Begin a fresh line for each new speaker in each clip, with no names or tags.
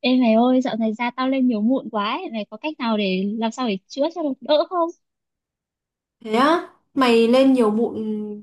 Ê mày ơi, dạo này da tao lên nhiều mụn quá ấy. Mày có cách nào để làm sao để chữa cho nó đỡ không?
Thế á, mày lên nhiều mụn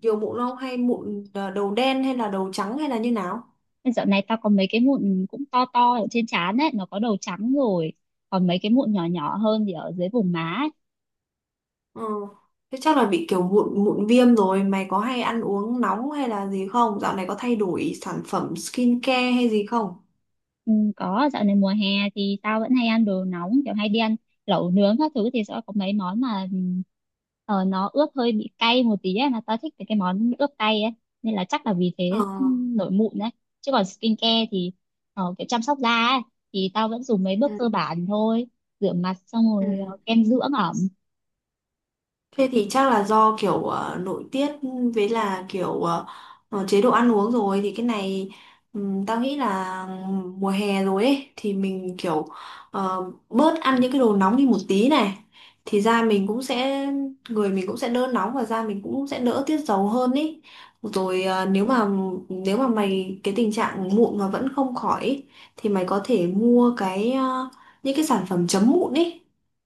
nhiều mụn không hay mụn à, đầu đen hay là đầu trắng hay là như nào?
Dạo này tao có mấy cái mụn cũng to to ở trên trán ấy, nó có đầu trắng rồi. Còn mấy cái mụn nhỏ nhỏ hơn thì ở dưới vùng má.
Ừ. Thế chắc là bị kiểu mụn mụn viêm rồi, mày có hay ăn uống nóng hay là gì không? Dạo này có thay đổi sản phẩm skincare hay gì không?
Ừ, có dạo này mùa hè thì tao vẫn hay ăn đồ nóng kiểu hay đi ăn lẩu nướng các thứ thì sẽ có mấy món mà nó ướp hơi bị cay một tí ấy mà tao thích cái món ướp cay ấy nên là chắc là vì
Ờ.
thế, nổi mụn đấy. Chứ còn skincare thì kiểu chăm sóc da ấy thì tao vẫn dùng mấy
Ừ.
bước cơ bản thôi, rửa mặt xong
Ừ.
rồi kem dưỡng ẩm.
Thế thì chắc là do kiểu nội tiết, với là kiểu chế độ ăn uống, rồi thì cái này tao nghĩ là mùa hè rồi ấy thì mình kiểu bớt ăn những cái đồ nóng đi một tí này thì da mình cũng sẽ, người mình cũng sẽ đỡ nóng và da mình cũng sẽ đỡ tiết dầu hơn ý. Rồi nếu mà mày cái tình trạng mụn mà vẫn không khỏi ý, thì mày có thể mua cái những cái sản phẩm chấm mụn ý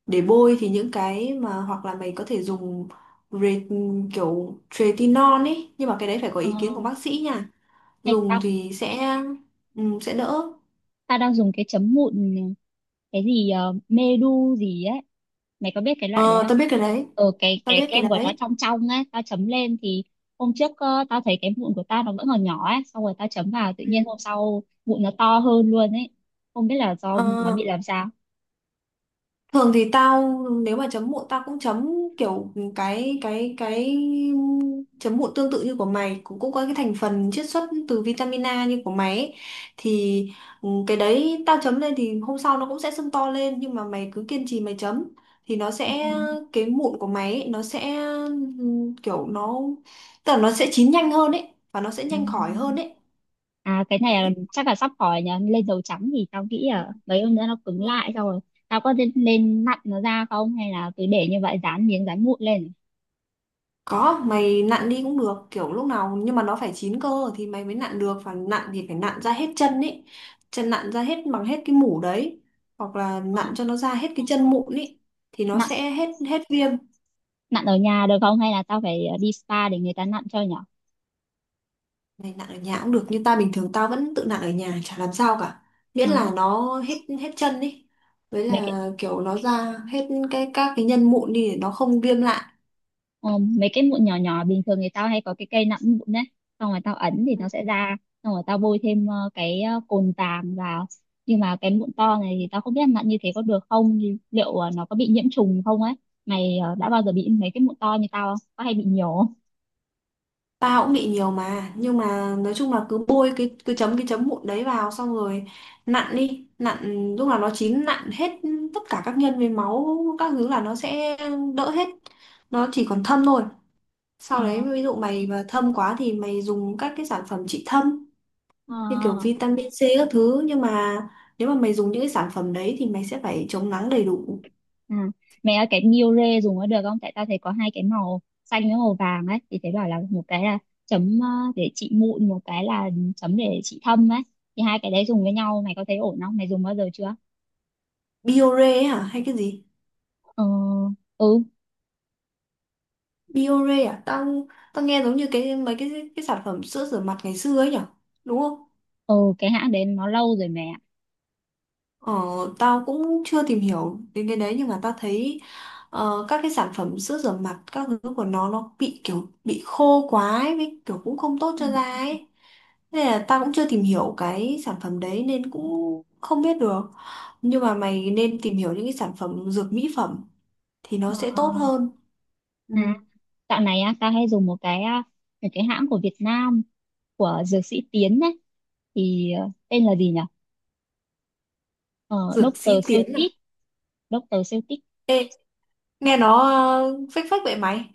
để bôi, thì những cái mà hoặc là mày có thể dùng re, kiểu retinol ấy, nhưng mà cái đấy phải có ý kiến
Uh,
của bác sĩ nha.
hay
Dùng
tao
thì sẽ đỡ.
Ta đang dùng cái chấm mụn, cái gì medu gì ấy, mày có biết cái loại đấy
Ờ,
không?
Tao biết cái đấy.
Cái
tao biết cái
kem của nó
đấy
trong trong ấy, tao chấm lên thì hôm trước tao thấy cái mụn của tao nó vẫn còn nhỏ ấy, xong rồi tao chấm vào tự
Ừ.
nhiên hôm sau mụn nó to hơn luôn ấy, không biết là do nó
Ờ,
bị làm sao.
thường thì tao nếu mà chấm mụn tao cũng chấm kiểu cái chấm mụn tương tự như của mày, cũng cũng có cái thành phần chiết xuất từ vitamin A như của mày ấy. Thì cái đấy tao chấm lên thì hôm sau nó cũng sẽ sưng to lên, nhưng mà mày cứ kiên trì mày chấm thì nó
Ừ.
sẽ, cái mụn của mày ấy, nó sẽ kiểu nó tức là nó sẽ chín nhanh hơn ấy và nó sẽ
Ừ.
nhanh khỏi hơn ấy,
À, cái này là
đấy.
chắc là sắp khỏi nhờ lên dầu trắng thì tao nghĩ là mấy hôm nữa nó cứng lại
Đúng.
xong rồi tao có nên nặn nó ra không, hay là cứ để như vậy dán miếng dán mụn lên?
Có, mày nặn đi cũng được, kiểu lúc nào nhưng mà nó phải chín cơ thì mày mới nặn được, và nặn thì phải nặn ra hết chân ấy. Chân nặn ra hết, bằng hết cái mủ đấy, hoặc là
Ờ.
nặn cho nó ra hết cái chân mụn ấy thì nó
Nặn,
sẽ hết hết viêm.
ở nhà được không hay là tao phải đi spa để người ta nặn cho nhở?
Mày nặn ở nhà cũng được, như ta bình thường tao vẫn tự nặn ở nhà chả làm sao cả. Miễn
Ờ,
là nó hết hết chân ấy. Với
mấy cái
là kiểu nó ra hết cái các cái nhân mụn đi để nó không viêm lại.
ờ, mấy cái mụn nhỏ nhỏ bình thường người tao hay có cái cây nặn mụn đấy, xong rồi tao ấn thì nó sẽ ra, xong rồi tao bôi thêm cồn vàng vào, nhưng mà cái mụn to này thì tao không biết nặn như thế có được không, thì liệu nó có bị nhiễm trùng không ấy. Mày đã bao giờ bị mấy cái mụn to như tao không, có hay bị nhiều không?
Tao cũng bị nhiều mà, nhưng mà nói chung là cứ bôi cái, cứ chấm cái chấm mụn đấy vào xong rồi nặn đi, nặn lúc nào nó chín, nặn hết tất cả các nhân với máu các thứ là nó sẽ đỡ hết, nó chỉ còn thâm thôi. Sau
ờ
đấy ví dụ mày mà thâm quá thì mày dùng các cái sản phẩm trị thâm như kiểu
ờ
vitamin C các thứ, nhưng mà nếu mà mày dùng những cái sản phẩm đấy thì mày sẽ phải chống nắng đầy đủ.
À, mẹ ơi, cái Miu Re dùng có được không? Tại tao thấy có hai cái màu xanh với màu vàng ấy, thì thấy bảo là một cái là chấm để trị mụn, một cái là chấm để trị thâm ấy, thì hai cái đấy dùng với nhau mày có thấy ổn không? Mày dùng bao giờ chưa?
Biore ấy hả hay cái gì?
Ờ, ừ.
Biore à? Tao tao nghe giống như cái mấy cái sản phẩm sữa rửa mặt ngày xưa ấy nhở? Đúng không?
Ừ, cái hãng đấy nó lâu rồi mẹ ạ.
Ờ, tao cũng chưa tìm hiểu đến cái đấy, nhưng mà tao thấy các cái sản phẩm sữa rửa mặt các thứ của nó bị kiểu bị khô quá ấy, với kiểu cũng không tốt cho da ấy. Nên là tao cũng chưa tìm hiểu cái sản phẩm đấy nên cũng không biết được. Nhưng mà mày nên tìm hiểu những cái sản phẩm dược mỹ phẩm thì nó
Ờ,
sẽ tốt hơn. Ừ.
à, Dạo này á tao hay dùng một cái hãng của Việt Nam, của dược sĩ Tiến ấy, thì tên là gì nhỉ? Ờ,
Dược
Doctor
sĩ Tiến à?
Celtic, Doctor.
Ê, nghe nó phách phách vậy mày.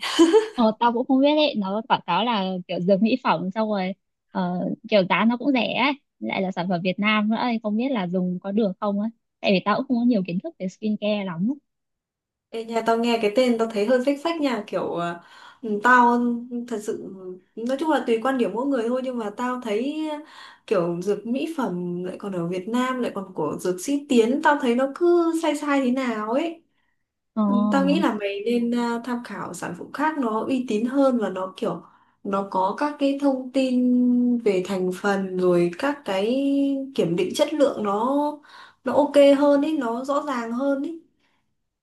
Ờ, tao cũng không biết đấy, nó quảng cáo là kiểu dược mỹ phẩm xong rồi ờ, kiểu giá nó cũng rẻ ấy, lại là sản phẩm Việt Nam nữa ấy, không biết là dùng có được không ấy, tại vì tao cũng không có nhiều kiến thức về skincare lắm.
Ê, nhà tao nghe cái tên tao thấy hơi phách phách nha, kiểu tao thật sự nói chung là tùy quan điểm mỗi người thôi, nhưng mà tao thấy kiểu dược mỹ phẩm lại còn ở Việt Nam, lại còn của dược sĩ Tiến, tao thấy nó cứ sai sai thế nào ấy.
ờ,
Tao nghĩ là mày nên tham khảo sản phẩm khác, nó uy tín hơn và nó kiểu nó có các cái thông tin về thành phần, rồi các cái kiểm định chất lượng, nó ok hơn ấy, nó rõ ràng hơn ấy.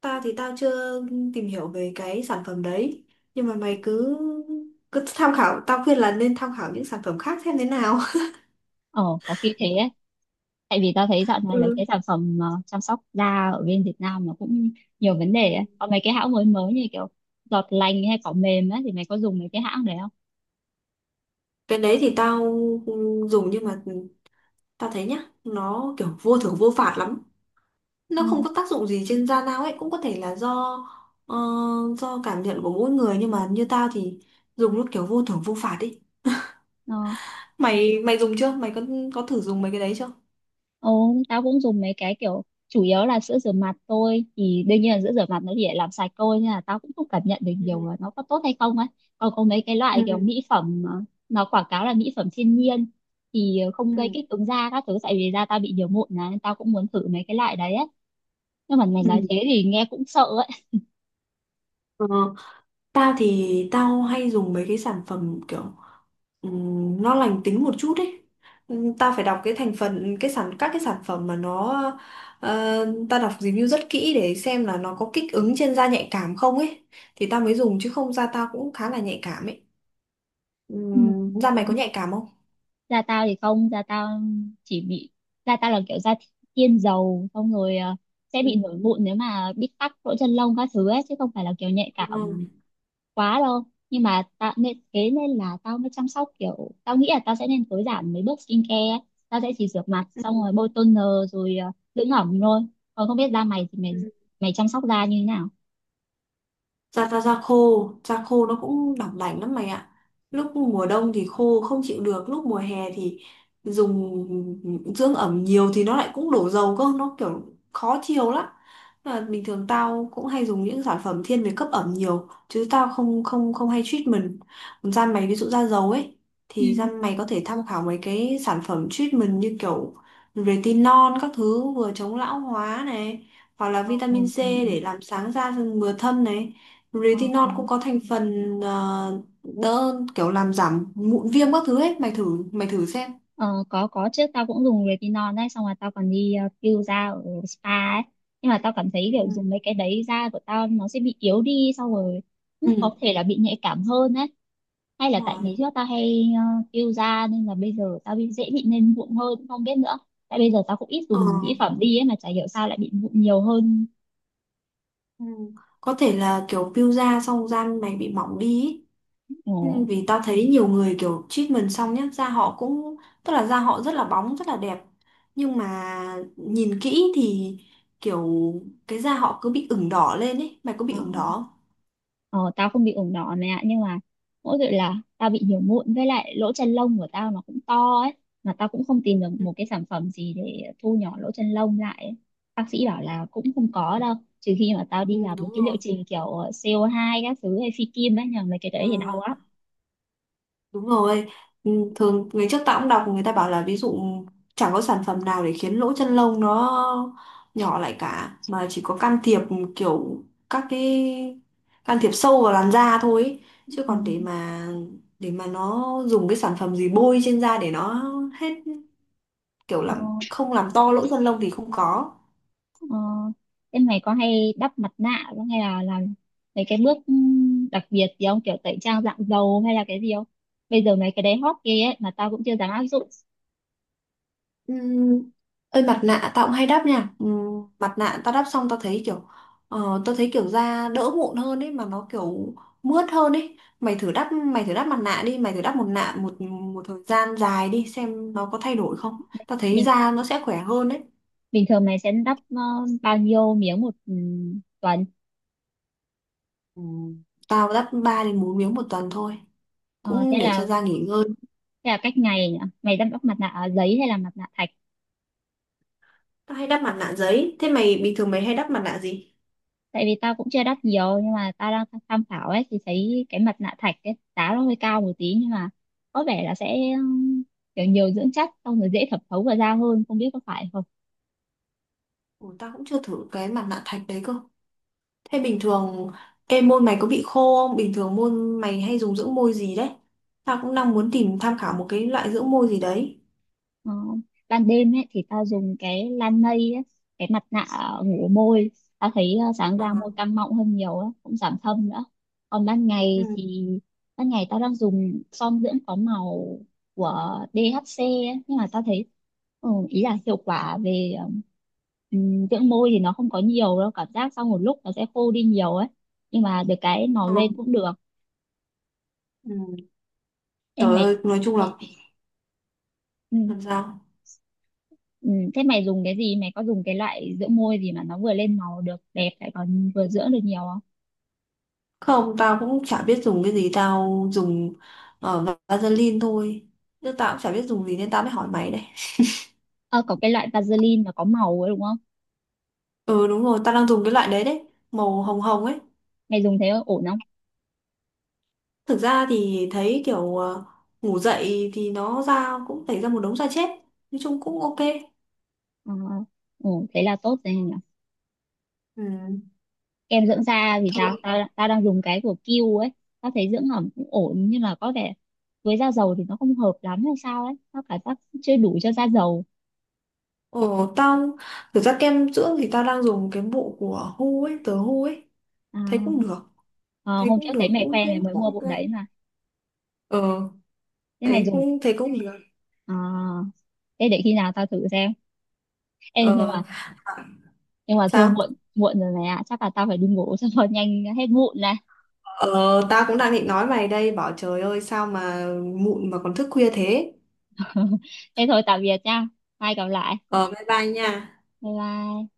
Tao thì tao chưa tìm hiểu về cái sản phẩm đấy. Nhưng mà mày cứ cứ tham khảo, tao khuyên là nên tham khảo những sản phẩm khác xem thế nào.
ờ, có khi thế ấy, tại vì tao thấy dạo này mấy
Ừ.
cái sản phẩm chăm sóc da ở bên Việt Nam nó cũng nhiều vấn đề ấy.
Ừ.
Có mấy cái hãng mới mới như kiểu giọt lành hay cỏ mềm ấy, thì mày có dùng mấy cái hãng đấy không?
Cái đấy thì tao dùng, nhưng mà tao thấy nhá, nó kiểu vô thưởng vô phạt lắm, nó không
Ừ.
có tác dụng gì trên da dao ấy. Cũng có thể là do ờ, do cảm nhận của mỗi người, nhưng mà như tao thì dùng lúc kiểu vô thưởng vô phạt ấy.
Ờ.
Mày mày dùng chưa, mày có thử dùng mấy cái đấy chưa?
Ồ, tao cũng dùng mấy cái kiểu chủ yếu là sữa rửa mặt thôi, thì đương nhiên là sữa rửa mặt nó chỉ để làm sạch thôi nên là tao cũng không cảm nhận được
Ừ,
nhiều là nó có tốt hay không ấy. Còn có mấy cái loại
ừ,
kiểu mỹ phẩm nó quảng cáo là mỹ phẩm thiên nhiên thì không
ừ,
gây kích ứng da các thứ, tại vì da tao bị nhiều mụn này nên tao cũng muốn thử mấy cái loại đấy ấy. Nhưng mà mày
ừ.
nói thế thì nghe cũng sợ ấy.
Ờ, tao thì tao hay dùng mấy cái sản phẩm kiểu nó lành tính một chút ấy. Tao phải đọc cái thành phần cái sản các cái sản phẩm, mà nó tao đọc review rất kỹ để xem là nó có kích ứng trên da nhạy cảm không ấy, thì tao mới dùng, chứ không da tao cũng khá là nhạy cảm ấy.
Ừ.
Da mày có nhạy cảm không?
Da tao thì không, chỉ bị da tao là kiểu da thiên dầu xong rồi sẽ
Ừ.
bị nổi mụn nếu mà bị tắc lỗ chân lông các thứ ấy, chứ không phải là kiểu nhạy cảm quá đâu. Nhưng mà tao nên thế nên là tao mới chăm sóc, kiểu tao nghĩ là tao sẽ nên tối giản mấy bước skincare ấy. Tao sẽ chỉ rửa mặt xong rồi bôi toner rồi dưỡng ẩm thôi, còn không biết da mày thì
Ừ.
mày mày chăm sóc da như thế nào?
da da da khô nó cũng đỏng đảnh lắm mày ạ. Lúc mùa đông thì khô không chịu được, lúc mùa hè thì dùng dưỡng ẩm nhiều thì nó lại cũng đổ dầu cơ, nó kiểu khó chịu lắm. Nên là bình thường tao cũng hay dùng những sản phẩm thiên về cấp ẩm nhiều, chứ tao không không không hay treatment. Còn da mày ví dụ da dầu ấy,
Ừ.
thì da mày có thể tham khảo mấy cái sản phẩm treatment như kiểu retinol các thứ, vừa chống lão hóa này, hoặc là
Ừ,
vitamin C để làm sáng da mừa thâm này. Retinol cũng
ừ.
có thành phần đỡ kiểu làm giảm mụn viêm các thứ ấy, mày thử xem.
Ờ, có chứ, tao cũng dùng retinol đấy, xong rồi tao còn đi peel da ở spa ấy, nhưng mà tao cảm thấy kiểu dùng
Ừ.
mấy cái đấy da của tao nó sẽ bị yếu đi xong rồi cũng
Ừ,
có thể là bị nhạy cảm hơn ấy, hay là
đúng
tại
rồi.
ngày trước tao hay peel da nên là bây giờ tao bị dễ bị lên mụn hơn, cũng không biết nữa. Tại bây giờ tao cũng ít
Ờ,
dùng mỹ phẩm đi ấy mà chả hiểu sao lại bị mụn nhiều hơn.
ừ có thể là kiểu peel da xong da mày bị mỏng đi ý. Ừ,
Ồ,
vì tao thấy nhiều người kiểu treatment xong nhá, da họ cũng, tức là da họ rất là bóng, rất là đẹp. Nhưng mà nhìn kỹ thì kiểu cái da họ cứ bị ửng đỏ lên ấy, mày có bị
ờ.
ửng đỏ không?
Ờ, tao không bị ửng đỏ mẹ ạ, nhưng mà mỗi tội là tao bị nhiều mụn, với lại lỗ chân lông của tao nó cũng to ấy, mà tao cũng không tìm được
Ừ,
một cái sản phẩm gì để thu nhỏ lỗ chân lông lại ấy. Bác sĩ bảo là cũng không có đâu, trừ khi mà tao
ừ,
đi làm được
đúng
cái liệu
rồi.
trình kiểu co hai các thứ hay phi kim ấy nhờ, mấy cái
Ờ,
đấy thì đau lắm.
đúng rồi, ừ, thường ngày trước tao cũng đọc người ta bảo là ví dụ chẳng có sản phẩm nào để khiến lỗ chân lông nó nhỏ lại cả, mà chỉ có can thiệp kiểu các cái, can thiệp sâu vào làn da thôi ấy. Chứ
Ừ.
còn để mà nó dùng cái sản phẩm gì bôi trên da để nó hết, kiểu
Ờ,
làm không làm to lỗ chân lông thì không có.
ờ. Thế mày có hay đắp mặt nạ không, hay là làm mấy cái bước đặc biệt gì không, kiểu tẩy trang dạng dầu hay là cái gì không? Bây giờ mấy cái đấy hot ghê ấy mà tao cũng chưa dám áp dụng.
Ừm, Ơi mặt nạ tao cũng hay đắp nha. Mặt nạ tao đắp xong tao thấy kiểu tao thấy kiểu da đỡ mụn hơn ấy, mà nó kiểu mướt hơn ấy. Mày thử đắp mặt nạ đi, mày thử đắp một nạ một một thời gian dài đi xem nó có thay đổi không. Tao thấy
Mình,
da nó sẽ khỏe hơn đấy.
bình thường mày sẽ đắp bao nhiêu miếng một, tuần?
Ừm, Tao đắp 3 đến 4 miếng một tuần thôi,
Ờ, thế
cũng để cho
là
da nghỉ ngơi.
Thế là cách ngày nhỉ? Mày đắp đắp mặt nạ à, giấy hay là mặt nạ thạch?
Tao hay đắp mặt nạ giấy. Thế mày bình thường mày hay đắp mặt nạ gì?
Tại vì tao cũng chưa đắp nhiều nhưng mà tao đang tham khảo ấy, thì thấy cái mặt nạ thạch cái giá nó hơi cao một tí nhưng mà có vẻ là sẽ kiểu nhiều dưỡng chất xong rồi dễ thẩm thấu vào da hơn, không biết có phải không.
Ủa, tao cũng chưa thử cái mặt nạ thạch đấy cơ. Thế bình thường em môn mày có bị khô không? Bình thường môn mày hay dùng dưỡng môi gì đấy? Tao cũng đang muốn tìm tham khảo một cái loại dưỡng môi gì đấy.
Ờ, ban đêm ấy thì tao dùng cái Lanei ấy, cái mặt nạ ngủ môi, tao thấy sáng
Ờ.
ra môi căng mọng hơn nhiều ấy, cũng giảm thâm nữa. Còn ban ngày
Ừ.
thì, ban ngày tao đang dùng son dưỡng có màu của DHC ấy, nhưng mà tao thấy ý là hiệu quả về ừ, dưỡng môi thì nó không có nhiều đâu, cảm giác sau một lúc nó sẽ khô đi nhiều ấy, nhưng mà được cái màu
Ờ.
lên cũng được.
Ừ.
Em
Trời
mày.
ơi, nói chung là
Ừ.
làm sao?
Ừ, thế mày dùng cái gì? Mày có dùng cái loại dưỡng môi gì mà nó vừa lên màu được đẹp lại còn vừa dưỡng được nhiều không?
Không, tao cũng chả biết dùng cái gì, tao dùng Vaseline thôi. Nhưng tao cũng chả biết dùng gì nên tao mới hỏi mày đây.
Ờ, có cái loại Vaseline mà có màu ấy đúng không?
Ừ, đúng rồi, tao đang dùng cái loại đấy đấy, màu hồng hồng ấy.
Mày dùng thế ổn không?
Thực ra thì thấy kiểu ngủ dậy thì nó ra cũng tẩy ra một đống da chết. Nói chung cũng ok.
Ờ, ổn, thế là tốt rồi nhỉ.
Ừ.
Kem dưỡng da thì sao? Tao Tao đang dùng cái của Q ấy. Tao thấy dưỡng ẩm cũng ổn nhưng mà có vẻ với da dầu thì nó không hợp lắm hay sao ấy. Tao cảm giác chưa đủ cho da dầu.
Ồ, tao thực ra kem dưỡng thì tao đang dùng cái bộ của Hu ấy, tờ Hu ấy,
À,
thấy cũng được,
ờ,
thấy
hôm
cũng
trước thấy
được,
mày
cũng
khoe mày
cũng
mới
cũng
mua
ok.
bộ đấy mà.
Ờ,
Thế mày
thấy
dùng.
cũng thấy cũng được.
À, thế để khi nào tao thử xem. Ê, nhưng
Ờ,
mà,
à,
nhưng mà thôi,
Sao?
muộn muộn rồi này ạ, chắc là tao phải đi ngủ xong rồi nhanh hết mụn này.
Ờ, tao cũng đang định nói mày đây, bảo trời ơi sao mà mụn mà còn thức khuya thế.
Thế thôi, tạm biệt nha, mai gặp lại,
Ờ, bye bye nha.
bye bye.